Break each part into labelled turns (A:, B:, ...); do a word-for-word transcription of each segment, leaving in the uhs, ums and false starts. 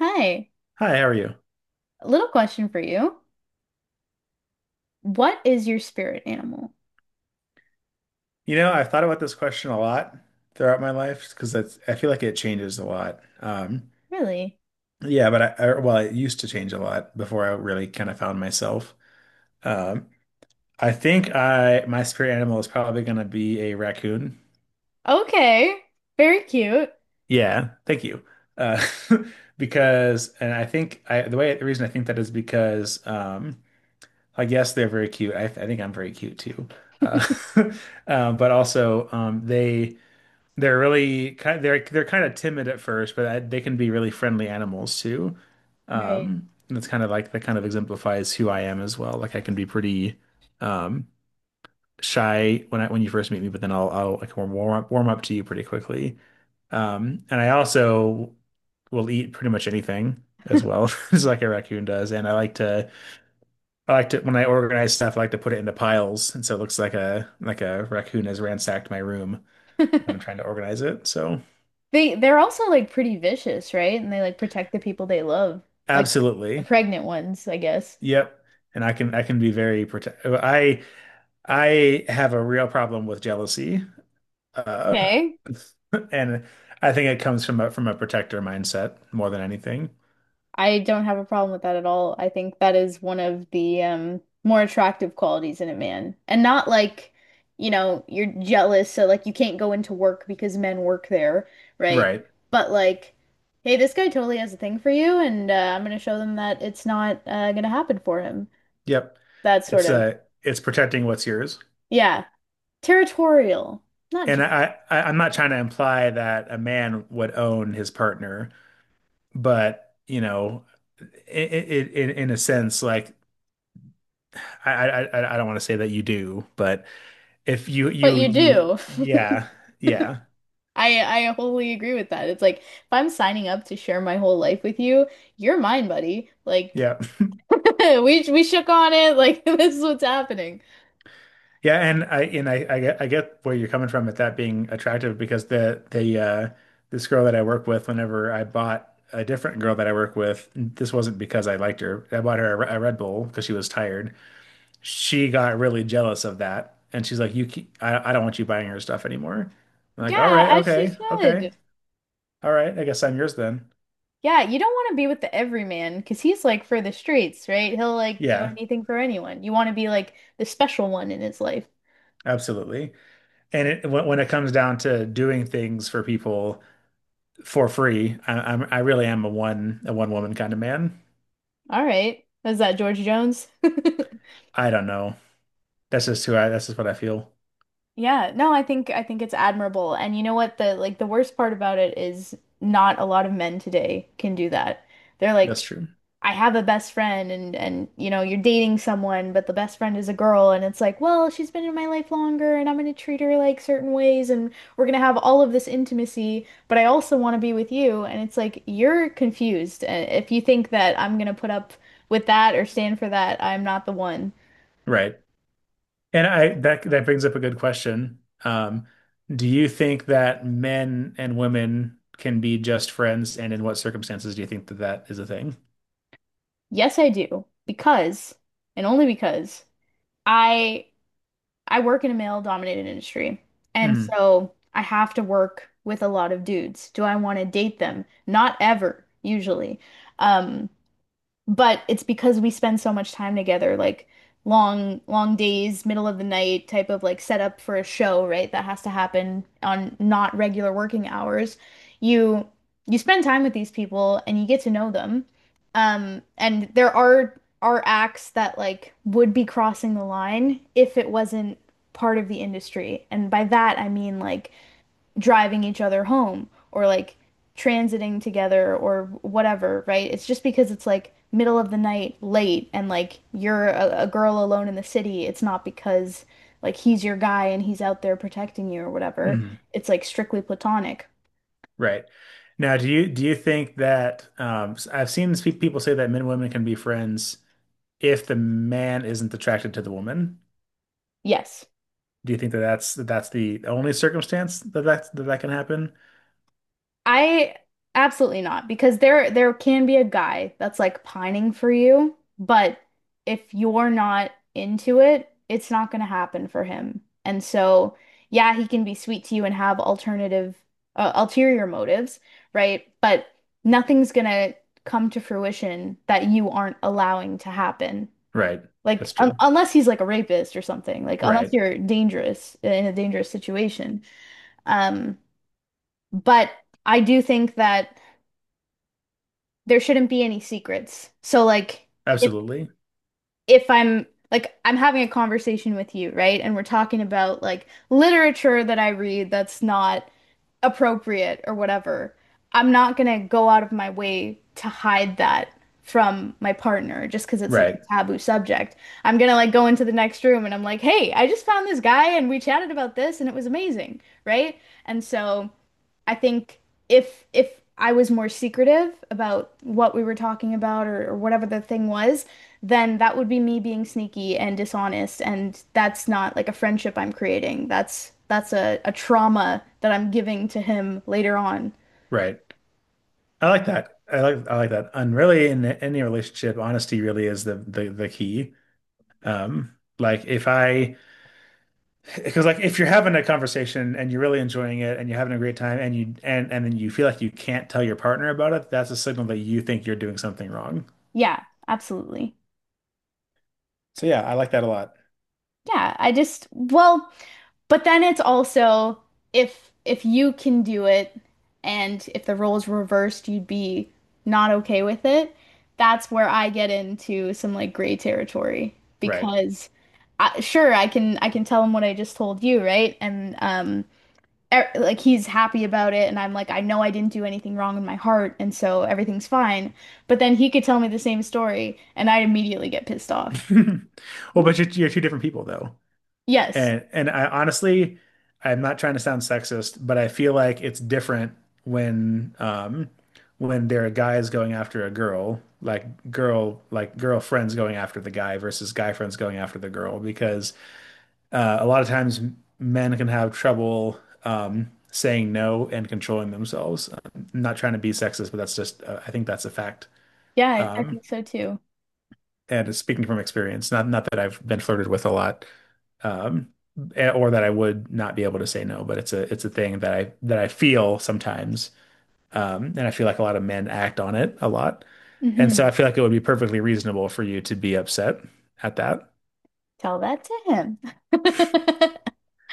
A: Hi,
B: Hi, how are you?
A: little question for you. What is your spirit animal?
B: You know, I've thought about this question a lot throughout my life because that's I feel like it changes a lot. Um,
A: Really?
B: yeah, but I, I well, it used to change a lot before I really kind of found myself. Um, I think I my spirit animal is probably going to be a raccoon.
A: Okay, very cute.
B: Yeah, thank you. Uh, because and I think I the way the reason I think that is because um, like yes, they're very cute. I, I think I'm very cute too. Uh, uh, but also um, they. They're really kind they're they're kind of timid at first, but I, they can be really friendly animals too.
A: Right.
B: Um, and it's kind of like that kind of exemplifies who I am as well. Like I can be pretty um shy when I when you first meet me, but then I'll I'll like warm warm up, warm up to you pretty quickly. Um, and I also will eat pretty much anything as well, just like a raccoon does. And I like to I like to when I organize stuff, I like to put it into piles, and so it looks like a like a raccoon has ransacked my room when I'm trying to organize it. So.
A: They they're also like pretty vicious, right? And they like protect the people they love, like the
B: Absolutely.
A: pregnant ones, I guess.
B: Yep. And I can I can be very protect. I I have a real problem with jealousy. Uh,
A: Okay.
B: and I think it comes from a from a protector mindset more than anything.
A: I don't have a problem with that at all. I think that is one of the um, more attractive qualities in a man. And not like, you know, you're jealous, so like you can't go into work because men work there, right?
B: Right.
A: But like, hey, this guy totally has a thing for you, and uh, I'm gonna show them that it's not uh, gonna happen for him.
B: Yep.
A: That sort
B: It's
A: of,
B: uh it's protecting what's yours.
A: yeah, territorial, not
B: And
A: jealous,
B: I, I I'm not trying to imply that a man would own his partner, but you know, i i i- in in a sense, like I I I I don't want to say that you do, but if you
A: but
B: you
A: you
B: you
A: do.
B: yeah, yeah
A: I I wholly agree with that. It's like if I'm signing up to share my whole life with you, you're mine, buddy. Like.
B: yeah
A: We we shook on it like this is what's happening.
B: yeah and I and I I get I get where you're coming from with that being attractive because the the uh this girl that I work with whenever I bought a different girl that I work with, this wasn't because I liked her. I bought her a, Re- a Red Bull because she was tired. She got really jealous of that, and she's like, "You keep, I I don't want you buying her stuff anymore." I'm like, "All
A: Yeah,
B: right,
A: as she
B: okay, okay,
A: should.
B: all right, I guess I'm yours then."
A: Yeah, you don't want to be with the everyman because he's like for the streets, right? He'll like do
B: Yeah,
A: anything for anyone. You want to be like the special one in his life.
B: absolutely. And it when when it comes down to doing things for people for free. I, I'm I really am a one a one woman kind of man.
A: All right. Is that George Jones?
B: I don't know. That's just who I. That's just what I feel.
A: Yeah, no, I think I think it's admirable. And you know what the like the worst part about it is not a lot of men today can do that. They're
B: That's
A: like
B: true.
A: I have a best friend and and you know you're dating someone but the best friend is a girl and it's like well she's been in my life longer and I'm going to treat her like certain ways and we're going to have all of this intimacy but I also want to be with you and it's like you're confused. Uh, if you think that I'm going to put up with that or stand for that, I'm not the one.
B: Right. And I that that brings up a good question. Um, do you think that men and women can be just friends, and in what circumstances do you think that that is a thing?
A: Yes I do, because and only because I I work in a male dominated industry. And
B: Mm,
A: so I have to work with a lot of dudes. Do I want to date them? Not ever, usually. Um, but it's because we spend so much time together, like long, long days, middle of the night type of like setup for a show, right? That has to happen on not regular working hours. You you spend time with these people and you get to know them. Um, and there are are acts that like would be crossing the line if it wasn't part of the industry. And by that I mean like driving each other home or like transiting together or whatever, right? It's just because it's like middle of the night, late, and like you're a, a girl alone in the city. It's not because like he's your guy and he's out there protecting you or whatever.
B: mm,
A: It's like strictly platonic.
B: right. Now, do you do you think that um, I've seen spe- people say that men and women can be friends if the man isn't attracted to the woman?
A: Yes.
B: Do you think that that's that that's the only circumstance that that that, that can happen?
A: I absolutely not, because there there can be a guy that's like pining for you, but if you're not into it, it's not going to happen for him. And so, yeah, he can be sweet to you and have alternative uh, ulterior motives, right? But nothing's going to come to fruition that you aren't allowing to happen.
B: Right.
A: Like
B: That's
A: un
B: true.
A: unless he's like a rapist or something, like unless
B: Right.
A: you're dangerous in a dangerous situation. Um, but I do think that there shouldn't be any secrets. So like if
B: Absolutely.
A: if I'm like I'm having a conversation with you, right? And we're talking about like literature that I read that's not appropriate or whatever. I'm not gonna go out of my way to hide that from my partner just because it's like
B: Right.
A: a taboo subject. I'm gonna like go into the next room and I'm like, "Hey, I just found this guy and we chatted about this and it was amazing." Right? And so I think if if I was more secretive about what we were talking about or, or whatever the thing was, then that would be me being sneaky and dishonest, and that's not like a friendship I'm creating. That's that's a, a trauma that I'm giving to him later on.
B: Right. I like that. I like I like that. And really, in any relationship, honesty really is the the the key. Um, like if I, Because like if you're having a conversation and you're really enjoying it and you're having a great time and you and and then you feel like you can't tell your partner about it, that's a signal that you think you're doing something wrong.
A: Yeah, absolutely.
B: So yeah, I like that a lot.
A: Yeah, I just well, but then it's also if if you can do it and if the roles reversed, you'd be not okay with it. That's where I get into some like gray territory
B: Right.
A: because I, sure I can I can tell him what I just told you, right? And um er, like he's happy about it and I'm like I know I didn't do anything wrong in my heart and so everything's fine. But then he could tell me the same story and I'd immediately get pissed off.
B: Well, but you're, you're two different people though.
A: Yes.
B: And and I honestly, I'm not trying to sound sexist, but I feel like it's different when um when there are guys going after a girl, like girl like girlfriends going after the guy versus guy friends going after the girl, because uh, a lot of times men can have trouble um saying no and controlling themselves. I'm not trying to be sexist, but that's just uh, I think that's a fact.
A: Yeah, I, I
B: Um,
A: think so too.
B: and speaking from experience, not not that I've been flirted with a lot, um, eh, or that I would not be able to say no. But it's a it's a thing that I that I feel sometimes, um, and I feel like a lot of men act on it a lot, and so I
A: hmm
B: feel like it would be perfectly reasonable for you to be upset at that.
A: Tell that to him.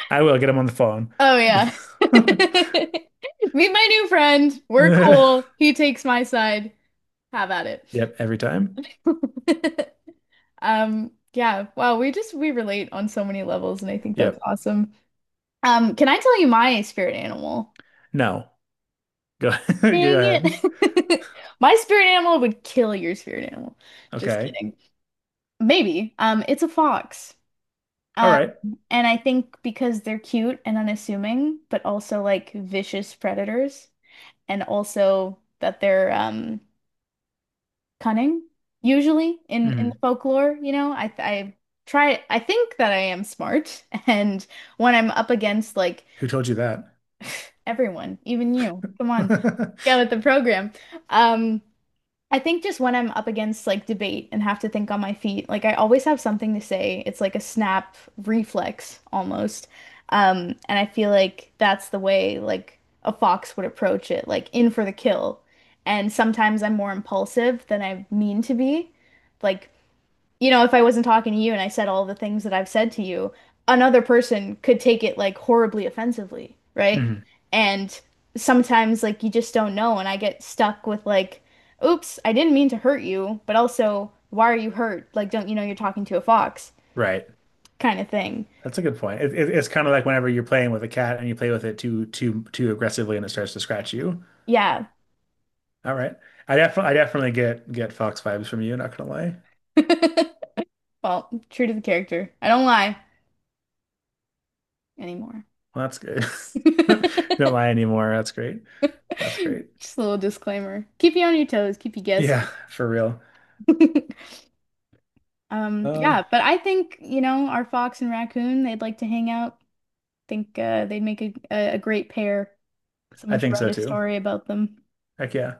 B: I will get him on the phone.
A: Oh yeah. Meet my new friend. We're cool. He takes my side. Have at
B: Yep, every time.
A: it. Um, yeah. Wow, we just we relate on so many levels, and I think that's
B: Yep.
A: awesome. Um, can I tell you my spirit animal?
B: No. Go go
A: Dang
B: ahead.
A: it. My spirit animal would kill your spirit animal. Just
B: Okay.
A: kidding. Maybe. Um, it's a fox.
B: All
A: Uh,
B: right.
A: And I think because they're cute and unassuming, but also like vicious predators, and also that they're um cunning, usually in in
B: Mhm.
A: folklore, you know, I I try I think that I am smart, and when I'm up against like
B: Who told you that?
A: everyone, even you, come on, get with the program. Um, I think just when I'm up against like debate and have to think on my feet, like I always have something to say. It's like a snap reflex almost. Um, and I feel like that's the way like a fox would approach it, like in for the kill. And sometimes I'm more impulsive than I mean to be. Like you know, if I wasn't talking to you and I said all the things that I've said to you, another person could take it like horribly offensively, right?
B: Mhm.
A: And sometimes like you just don't know, and I get stuck with like, oops, I didn't mean to hurt you, but also, why are you hurt? Like, don't you know you're talking to a fox
B: Right.
A: kind of thing.
B: That's a good point. It, it, it's kind of like whenever you're playing with a cat and you play with it too too too aggressively and it starts to scratch you.
A: Yeah.
B: All right. I definitely I definitely get get fox vibes from you, not gonna lie.
A: Well, true to the character. I don't lie anymore.
B: Well, that's good.
A: Just
B: Don't lie anymore. That's great. That's
A: a
B: great.
A: little disclaimer. Keep you on your toes, keep you guessing.
B: Yeah, for real.
A: Um,
B: Um,
A: yeah, but I think, you know, our fox and raccoon, they'd like to hang out. Think uh, they'd make a, a, a great pair.
B: I
A: Someone should
B: think
A: write
B: so
A: a
B: too.
A: story about them.
B: Heck yeah.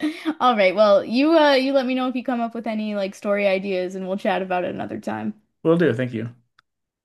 A: All right, well, you uh you let me know if you come up with any like story ideas and we'll chat about it another time.
B: Will do. Thank you.